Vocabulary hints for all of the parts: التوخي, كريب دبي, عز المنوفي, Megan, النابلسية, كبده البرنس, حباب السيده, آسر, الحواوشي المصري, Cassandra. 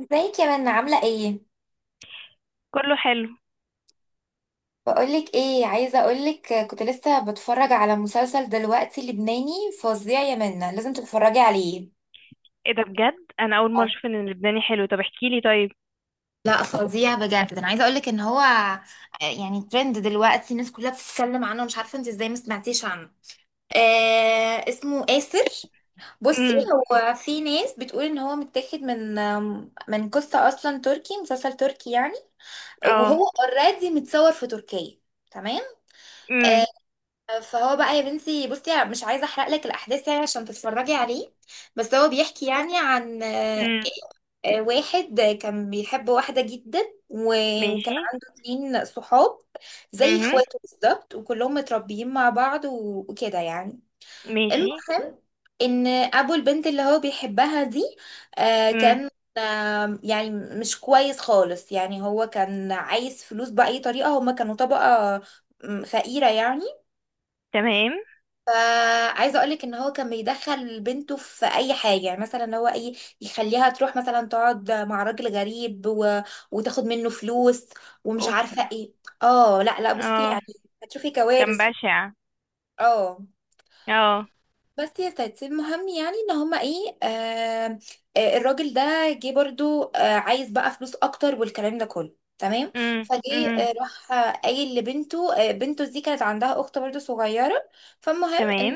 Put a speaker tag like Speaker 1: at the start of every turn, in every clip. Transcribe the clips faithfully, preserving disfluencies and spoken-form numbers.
Speaker 1: ازيك يا منى، عاملة ايه؟
Speaker 2: كله حلو.
Speaker 1: بقولك ايه، عايزة اقولك كنت لسه بتفرج على مسلسل دلوقتي لبناني فظيع يا منى، لازم تتفرجي عليه.
Speaker 2: ايه ده؟ بجد انا اول مره
Speaker 1: آه.
Speaker 2: اشوف ان اللبناني حلو. طب احكي لي طيب.
Speaker 1: لا فظيع بجد، ده انا عايزه اقول لك ان هو آه، يعني ترند دلوقتي، الناس كلها بتتكلم عنه، مش عارفه انت ازاي ما سمعتيش عنه. آه، اسمه آسر. بصي،
Speaker 2: امم.
Speaker 1: هو في ناس بتقول ان هو متاخد من آم، من قصه، اصلا تركي، مسلسل تركي يعني.
Speaker 2: اه.
Speaker 1: وهو اوريدي متصور في تركيا. تمام.
Speaker 2: امم.
Speaker 1: آه، فهو بقى يا بنتي، بصي مش عايزه احرق لك الاحداث يعني عشان تتفرجي عليه. بس هو بيحكي يعني عن آه،
Speaker 2: امم.
Speaker 1: آه، واحد كان بيحب واحده جدا. و- وكان
Speaker 2: ماشي.
Speaker 1: عنده اتنين صحاب زي
Speaker 2: امم.
Speaker 1: اخواته بالظبط، وكلهم متربيين مع بعض، و- وكده يعني.
Speaker 2: ماشي.
Speaker 1: المهم ان ابو البنت اللي هو بيحبها دي، آه،
Speaker 2: امم.
Speaker 1: كان آه، يعني مش كويس خالص يعني. هو كان عايز فلوس بأي طريقة، هما كانوا طبقة م، فقيرة يعني.
Speaker 2: تمام.
Speaker 1: فعايزه اقولك ان هو كان بيدخل بنته في اي حاجه، يعني مثلا هو ايه، يخليها تروح مثلا تقعد مع راجل غريب و... وتاخد منه فلوس، ومش
Speaker 2: اوف.
Speaker 1: عارفه ايه. اه، لا لا بصي
Speaker 2: اه.
Speaker 1: يعني، هتشوفي
Speaker 2: كان
Speaker 1: كوارث في-
Speaker 2: بشع.
Speaker 1: اه.
Speaker 2: اه.
Speaker 1: بس يا ستي المهم يعني ان هما ايه، آه آه، الراجل ده جه برضو آه، عايز بقى فلوس اكتر والكلام ده كله، تمام.
Speaker 2: امم.
Speaker 1: فجه
Speaker 2: امم.
Speaker 1: آه، راح آه، قايل لبنته. آه، بنته دي كانت عندها اخت برضو صغيره. فالمهم
Speaker 2: تمام.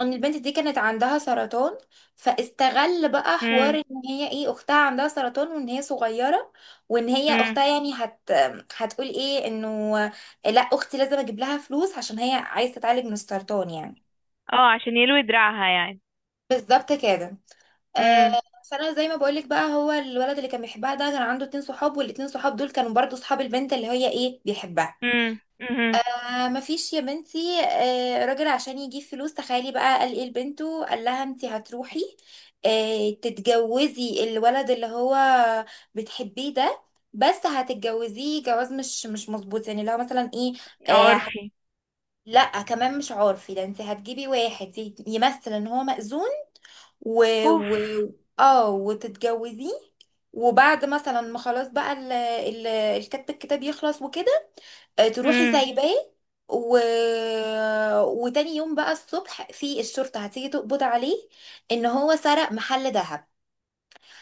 Speaker 1: ان البنت دي كانت عندها سرطان، فاستغل بقى حوار
Speaker 2: امم.
Speaker 1: ان هي ايه، اختها عندها سرطان وان هي صغيره، وان هي
Speaker 2: امم.
Speaker 1: اختها يعني هت هتقول ايه، انه لا اختي لازم اجيب لها فلوس عشان هي عايزه تتعالج من السرطان يعني.
Speaker 2: اه، عشان يلوي دراعها يعني.
Speaker 1: بالظبط كده.
Speaker 2: امم.
Speaker 1: آه. فانا زي ما بقولك بقى، هو الولد اللي كان بيحبها ده كان عنده اتنين صحاب، والاتنين صحاب دول كانوا برضو صحاب البنت اللي هي ايه بيحبها.
Speaker 2: امم. امم.
Speaker 1: آه، مفيش يا بنتي آه راجل عشان يجيب فلوس. تخيلي بقى قال ايه لبنته، قال لها انت هتروحي آه تتجوزي الولد اللي هو بتحبيه ده، بس هتتجوزيه جواز مش مش مظبوط يعني، لو مثلا ايه آه ه-
Speaker 2: عرفي.
Speaker 1: لا كمان مش عارفي، ده انت هتجيبي واحد ي- يمثل ان هو مأذون، و,
Speaker 2: اوف.
Speaker 1: و، اه، وتتجوزيه. وبعد مثلا ما خلاص بقى ال ال الكتب، الكتاب يخلص وكده، آه، تروحي
Speaker 2: امم.
Speaker 1: سايباه و... وتاني يوم بقى الصبح في الشرطة هتيجي تقبض عليه ان هو سرق محل ذهب.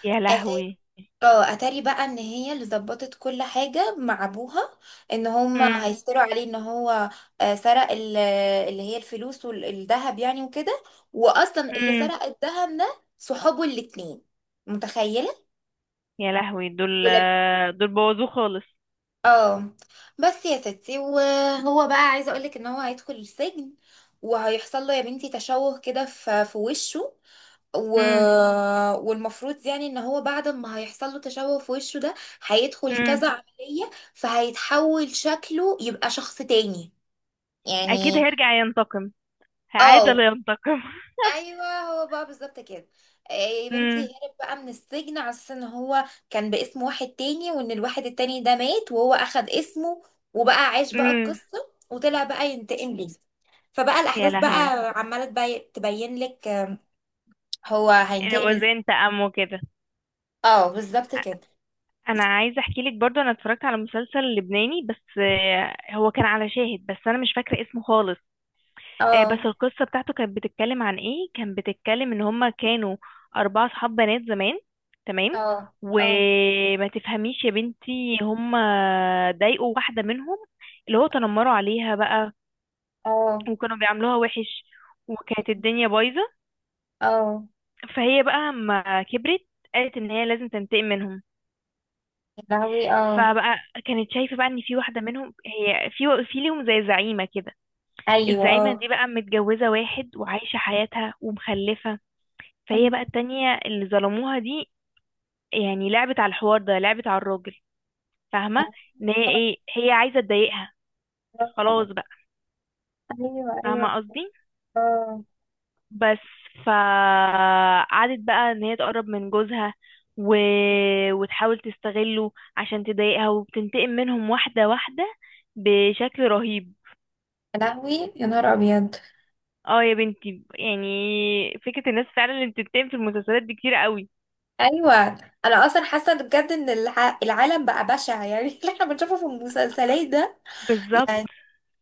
Speaker 2: يا
Speaker 1: أتاري،
Speaker 2: لهوي.
Speaker 1: اه، اتاري بقى ان هي اللي ظبطت كل حاجة مع ابوها، ان هما
Speaker 2: امم.
Speaker 1: هيفتروا عليه ان هو آه، سرق ال- اللي هي الفلوس والذهب يعني وكده، واصلا اللي
Speaker 2: امم.
Speaker 1: سرق الذهب ده صحابه الاتنين. متخيلة؟
Speaker 2: يا لهوي دول. دول بوظوه خالص.
Speaker 1: اه. بس يا ستي، وهو بقى عايزه اقولك ان هو هيدخل السجن، وهيحصل له يا بنتي تشوه كده في في وشه و...
Speaker 2: امم.
Speaker 1: والمفروض يعني ان هو بعد ما هيحصل له تشوه في وشه ده، هيدخل
Speaker 2: امم.
Speaker 1: كذا عمليه فهيتحول شكله يبقى شخص تاني
Speaker 2: اكيد
Speaker 1: يعني.
Speaker 2: هيرجع ينتقم. عادة
Speaker 1: اه
Speaker 2: لا ينتقم.
Speaker 1: ايوه، هو بقى بالظبط كده. إيه يا بنتي،
Speaker 2: امم.
Speaker 1: هرب بقى من السجن على اساس ان هو كان باسم واحد تاني، وان الواحد التاني ده مات وهو اخد اسمه. وبقى عاش بقى
Speaker 2: امم.
Speaker 1: القصه، وطلع بقى ينتقم ليه. فبقى
Speaker 2: يا
Speaker 1: الاحداث بقى
Speaker 2: لهوي.
Speaker 1: عماله تبي- تبين لك آم، هو هينتقم ازاي.
Speaker 2: وزن تأمه كده.
Speaker 1: اه بالظبط كده.
Speaker 2: انا عايزه احكي لك برضو انا اتفرجت على مسلسل لبناني بس آه، هو كان على شاهد بس انا مش فاكره اسمه خالص. آه، بس
Speaker 1: اه.
Speaker 2: القصه بتاعته كانت بتتكلم عن ايه؟ كانت بتتكلم ان هما كانوا اربعه صحاب بنات زمان. تمام.
Speaker 1: اه. اه.
Speaker 2: وما تفهميش يا بنتي هما ضايقوا واحده منهم، اللي هو تنمروا عليها بقى
Speaker 1: اه.
Speaker 2: وكانوا بيعاملوها وحش وكانت الدنيا بايظه.
Speaker 1: اه.
Speaker 2: فهي بقى اما كبرت قالت ان هي لازم تنتقم منهم.
Speaker 1: يا لهوي، اه.
Speaker 2: فبقى كانت شايفه بقى ان في واحده منهم هي في في ليهم زي زعيمه كده.
Speaker 1: ايوه
Speaker 2: الزعيمه
Speaker 1: اه.
Speaker 2: دي بقى متجوزه واحد وعايشه حياتها ومخلفه. فهي بقى
Speaker 1: أمم.
Speaker 2: التانية اللي ظلموها دي، يعني لعبت على الحوار ده، لعبت على الراجل. فاهمه؟
Speaker 1: آه،
Speaker 2: ان هي
Speaker 1: آه،
Speaker 2: ايه هي عايزه تضايقها. خلاص
Speaker 1: آه.
Speaker 2: بقى.
Speaker 1: ايوه
Speaker 2: فاهمه
Speaker 1: ايوه.
Speaker 2: قصدي.
Speaker 1: اه.
Speaker 2: بس. فقعدت بقى ان هي تقرب من جوزها و... وتحاول تستغله عشان تضايقها وبتنتقم منهم واحدة واحدة بشكل رهيب.
Speaker 1: يا لهوي يا نهار ابيض.
Speaker 2: اه يا بنتي يعني فكرة الناس فعلا اللي بتنتقم في المسلسلات دي كتير قوي.
Speaker 1: ايوه، انا اصلا حاسه إن بجد ان الع... العالم بقى بشع يعني اللي احنا بنشوفه في المسلسلات ده
Speaker 2: بالظبط.
Speaker 1: يعني.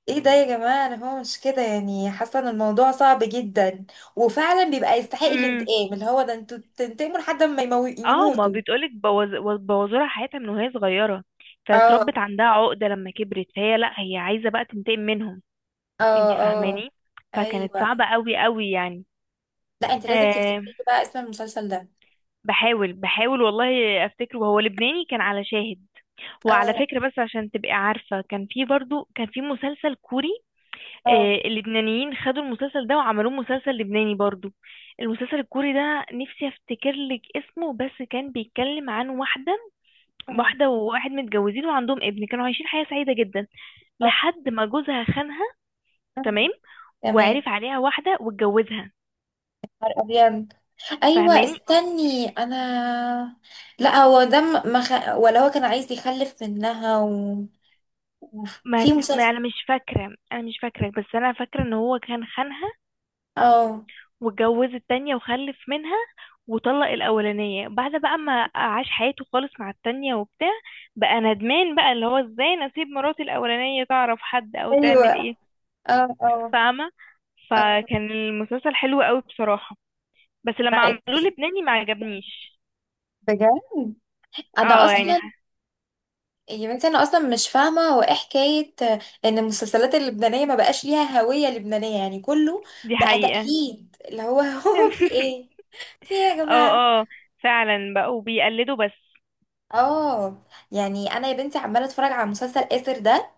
Speaker 1: ايه ده يا جماعه، انا هو مش كده يعني، حاسه ان الموضوع صعب جدا، وفعلا بيبقى يستحق
Speaker 2: امم.
Speaker 1: الانتقام اللي هو ده، انتوا تنتقموا لحد ما يمو...
Speaker 2: اه ما
Speaker 1: يموتوا.
Speaker 2: بتقولك بوظ... بوظولها حياتها من وهي صغيرة.
Speaker 1: اه.
Speaker 2: فاتربت عندها عقدة لما كبرت فهي لا هي عايزة بقى تنتقم منهم.
Speaker 1: اه.
Speaker 2: انت
Speaker 1: اه.
Speaker 2: فاهماني؟ فكانت صعبة
Speaker 1: ايوه.
Speaker 2: قوي قوي يعني.
Speaker 1: لا انت لازم
Speaker 2: آه،
Speaker 1: تفتكري بقى اسم المسلسل ده.
Speaker 2: بحاول بحاول والله افتكره، هو لبناني كان على شاهد. وعلى
Speaker 1: اه.
Speaker 2: فكرة بس عشان تبقي عارفة كان في برضو كان في مسلسل كوري.
Speaker 1: اه.
Speaker 2: آه اللبنانيين خدوا المسلسل ده وعملوه مسلسل لبناني برضو. المسلسل الكوري ده نفسي افتكر لك اسمه بس كان بيتكلم عن واحدة.
Speaker 1: آه،
Speaker 2: واحدة وواحد متجوزين وعندهم ابن كانوا عايشين حياة سعيدة جدا
Speaker 1: آه،
Speaker 2: لحد ما جوزها خانها.
Speaker 1: آه.
Speaker 2: تمام.
Speaker 1: تمام.
Speaker 2: وعرف عليها واحدة واتجوزها.
Speaker 1: ابيض. ايوه،
Speaker 2: فاهماني؟
Speaker 1: استني انا. لا هو ده م- ما خ... ولا هو كان عايز يخلف منها و... أوف.
Speaker 2: ما,
Speaker 1: في
Speaker 2: ت- ما
Speaker 1: مسلسل.
Speaker 2: انا مش فاكرة انا مش فاكرة بس انا فاكرة ان هو كان خانها.
Speaker 1: اه.
Speaker 2: واتجوز التانية وخلف منها. وطلق الأولانية بعد بقى ما عاش حياته خالص مع التانية وبتاع. بقى ندمان بقى اللي هو ازاي انا اسيب مراتي الأولانية تعرف حد أو
Speaker 1: ايوه.
Speaker 2: تعمل ايه.
Speaker 1: اه. اه.
Speaker 2: فاهمة؟
Speaker 1: اه.
Speaker 2: فكان المسلسل حلو قوي بصراحة، بس لما عملوه
Speaker 1: معاك.
Speaker 2: لبناني ما عجبنيش.
Speaker 1: بجد. انا أيوة.
Speaker 2: اه، يعني
Speaker 1: اصلا
Speaker 2: ح-
Speaker 1: يا بنتي، انا اصلا مش فاهمه هو ايه حكايه ان المسلسلات اللبنانيه ما بقاش ليها هويه لبنانيه يعني، كله
Speaker 2: دي
Speaker 1: بقى
Speaker 2: حقيقة.
Speaker 1: تقليد اللي هو هو في ايه، في ايه يا جماعه؟
Speaker 2: اه اه فعلا بقوا بيقلدوا بس.
Speaker 1: اه. يعني انا يا بنتي عماله اتفرج على مسلسل اسر ده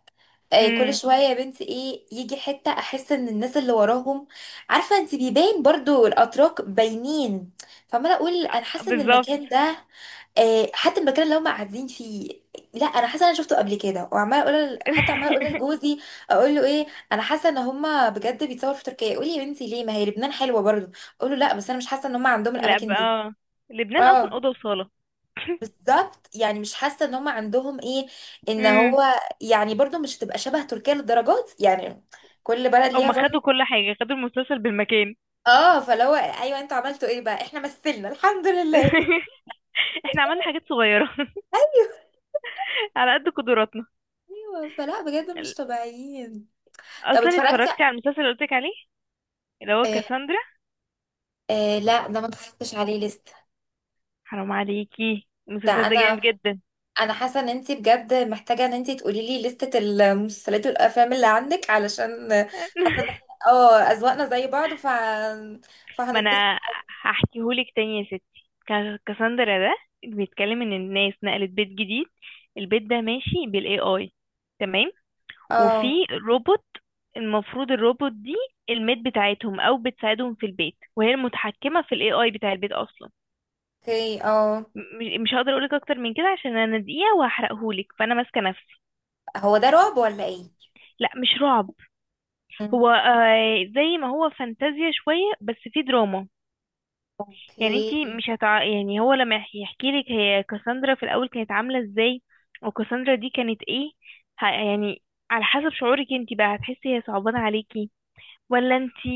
Speaker 1: آه، كل
Speaker 2: امم.
Speaker 1: شويه يا بنتي ايه، يجي حته احس ان الناس اللي وراهم، عارفه انت، بيبان برضو الاتراك باينين. فعماله اقول انا حاسه ان
Speaker 2: بالظبط.
Speaker 1: المكان ده آه، حتى المكان اللي هم قاعدين فيه، لا انا حاسه انا شفته قبل كده. وعماله اقول، حتى عماله اقول لجوزي، اقول له ايه، انا حاسه ان هم بجد بيتصوروا في تركيا، يقول لي يا بنتي ليه، ما هي لبنان حلوه برضو. اقول له لا، بس انا مش حاسه ان هم عندهم
Speaker 2: لا
Speaker 1: الاماكن
Speaker 2: بقى
Speaker 1: دي.
Speaker 2: اه لبنان اصلا
Speaker 1: اه
Speaker 2: اوضه وصاله.
Speaker 1: بالظبط. يعني مش حاسه ان هم عندهم ايه، ان
Speaker 2: مم.
Speaker 1: هو يعني برضو مش تبقى شبه تركيا للدرجات يعني، كل بلد ليها
Speaker 2: هما
Speaker 1: برضو.
Speaker 2: خدوا كل حاجة خدوا المسلسل بالمكان.
Speaker 1: اه، فلو ايوه، انتوا عملتوا ايه بقى، احنا مثلنا الحمد لله
Speaker 2: احنا عملنا حاجات صغيرة على قد قدراتنا.
Speaker 1: ايوه. فلا بجد مش طبيعيين. طب
Speaker 2: اصلا
Speaker 1: اتفرجتي؟
Speaker 2: اتفرجتي على المسلسل اللي قلتلك عليه اللي هو
Speaker 1: آه
Speaker 2: كاساندرا؟
Speaker 1: آه، لا ده ما اتفرجتش عليه لسه.
Speaker 2: حرام عليكي
Speaker 1: ده
Speaker 2: المسلسل ده
Speaker 1: انا
Speaker 2: جامد جدا.
Speaker 1: انا حاسه ان انت بجد محتاجه ان انت تقولي لي لسته المسلسلات والافلام اللي عندك، علشان حاسه ان احنا اه اذواقنا زي بعض، ف
Speaker 2: ما
Speaker 1: فهنتبسط.
Speaker 2: انا هحكيهولك تاني يا ستي. كا- كاساندرا ده بيتكلم ان الناس نقلت بيت جديد. البيت ده ماشي بالاي اي. تمام. وفي
Speaker 1: اه.
Speaker 2: روبوت. المفروض الروبوت دي الميت بتاعتهم او بتساعدهم في البيت وهي المتحكمة في الاي اي بتاع البيت اصلا.
Speaker 1: اوكي اه.
Speaker 2: م- مش هقدر اقولك اكتر من كده عشان انا دقيقة وهحرقهولك فانا ماسكة نفسي.
Speaker 1: هو ده رعب ولا ايه؟
Speaker 2: لا مش رعب.
Speaker 1: مم.
Speaker 2: هو آه زي ما هو فانتازيا شوية بس في دراما. يعني انتي
Speaker 1: اوكي.
Speaker 2: مش هتع... يعني هو لما يحكي لك هي كاساندرا في الاول كانت عاملة ازاي وكاساندرا دي كانت ايه ه... يعني على حسب شعورك انتي بقى هتحسي هي صعبانة عليكي ولا انتي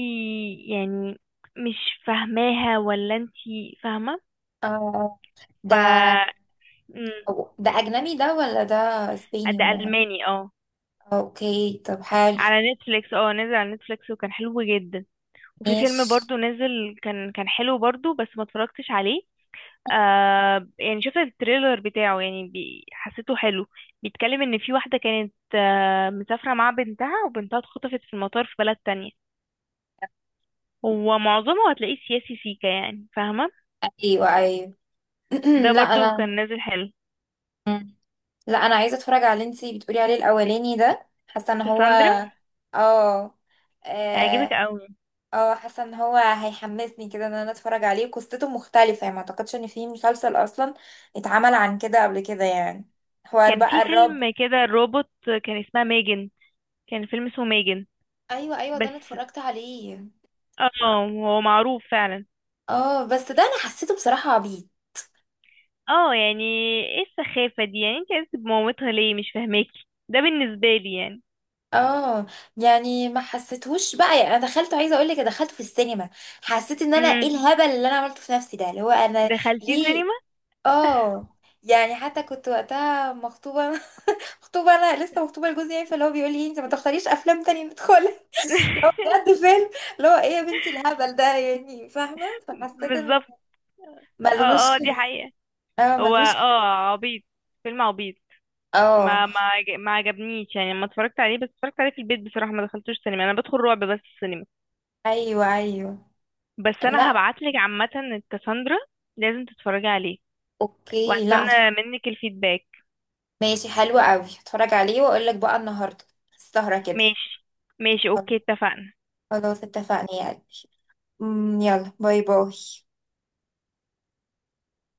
Speaker 2: يعني مش فاهماها ولا انتي فاهمة.
Speaker 1: اه. آه.
Speaker 2: ف
Speaker 1: ده
Speaker 2: مم.
Speaker 1: أو- ده اجنبي ده، ولا ده اسباني
Speaker 2: ده
Speaker 1: ولا ايه؟
Speaker 2: ألماني اه.
Speaker 1: اوكي طب حلو.
Speaker 2: على نتفليكس اه نزل على نتفليكس وكان حلو جدا. وفي فيلم
Speaker 1: ماشي.
Speaker 2: برضو نزل كان كان حلو برضو بس ما اتفرجتش عليه. آه يعني شفت التريلر بتاعه يعني بي حسيته حلو. بيتكلم ان في واحدة كانت آه مسافرة مع بنتها وبنتها اتخطفت في المطار في بلد تانية. هو معظمه هتلاقيه سياسي سيكا يعني فاهمة.
Speaker 1: ايوه ايوه.
Speaker 2: ده
Speaker 1: لا
Speaker 2: برضو كان
Speaker 1: انا.
Speaker 2: نازل حلو.
Speaker 1: مم. لا انا عايزه اتفرج على اللي انتي بتقولي عليه الاولاني ده، حاسه ان هو،
Speaker 2: كاساندرا
Speaker 1: اه.
Speaker 2: هيعجبك
Speaker 1: اه.
Speaker 2: قوي.
Speaker 1: آه، حاسه ان هو هيحمسني كده ان انا اتفرج عليه، قصته مختلفه يعني، ما اعتقدش ان في مسلسل اصلا اتعمل عن كده قبل كده يعني. حوار
Speaker 2: كان في
Speaker 1: بقى الرعب.
Speaker 2: فيلم كده روبوت، كان اسمها ميجن، كان فيلم اسمه ميجن.
Speaker 1: ايوه ايوه، ده انا
Speaker 2: بس.
Speaker 1: اتفرجت عليه.
Speaker 2: اه. هو معروف فعلا.
Speaker 1: اه بس ده انا حسيته بصراحه عبيط.
Speaker 2: اه يعني ايه السخافة دي؟ يعني انت عايزة بمامتها ليه؟ مش فاهماكي ده بالنسبة لي يعني.
Speaker 1: اه يعني، ما حسيتهوش بقى يعني. انا دخلت، عايزه اقول لك، دخلت في السينما، حسيت ان انا ايه
Speaker 2: امم.
Speaker 1: الهبل اللي انا عملته في نفسي ده، اللي هو انا
Speaker 2: دخلتي
Speaker 1: ليه.
Speaker 2: سينما؟
Speaker 1: اه، يعني حتى كنت وقتها مخطوبه مخطوبه انا لسه مخطوبه لجوزي يعني، فاللي هو بيقول لي انت ما تختاريش افلام تانية ندخلها. بجد فيلم اللي هو ايه يا بنتي الهبل ده يعني، فاهمه. فحسيت ان
Speaker 2: بالظبط. اه
Speaker 1: ملهوش.
Speaker 2: اه دي حقيقة.
Speaker 1: اه
Speaker 2: هو
Speaker 1: ملهوش.
Speaker 2: اه عبيط، فيلم عبيط.
Speaker 1: اه.
Speaker 2: ما ما عج- ما عجبنيش يعني لما اتفرجت عليه، بس اتفرجت عليه في البيت بصراحة، ما دخلتوش سينما، انا بدخل رعب بس السينما.
Speaker 1: ايوه ايوه.
Speaker 2: بس انا
Speaker 1: لا.
Speaker 2: هبعتلك عامة الكاساندرا. لازم تتفرجي عليه.
Speaker 1: اوكي، لا
Speaker 2: وهستنى
Speaker 1: هتفرج.
Speaker 2: منك الفيدباك.
Speaker 1: ماشي حلو قوي، هتفرج عليه واقول لك بقى النهارده السهرة كده.
Speaker 2: ماشي ماشي اوكي اتفقنا.
Speaker 1: خلاص اتفقنا يعني. أمم، يلا، باي باي.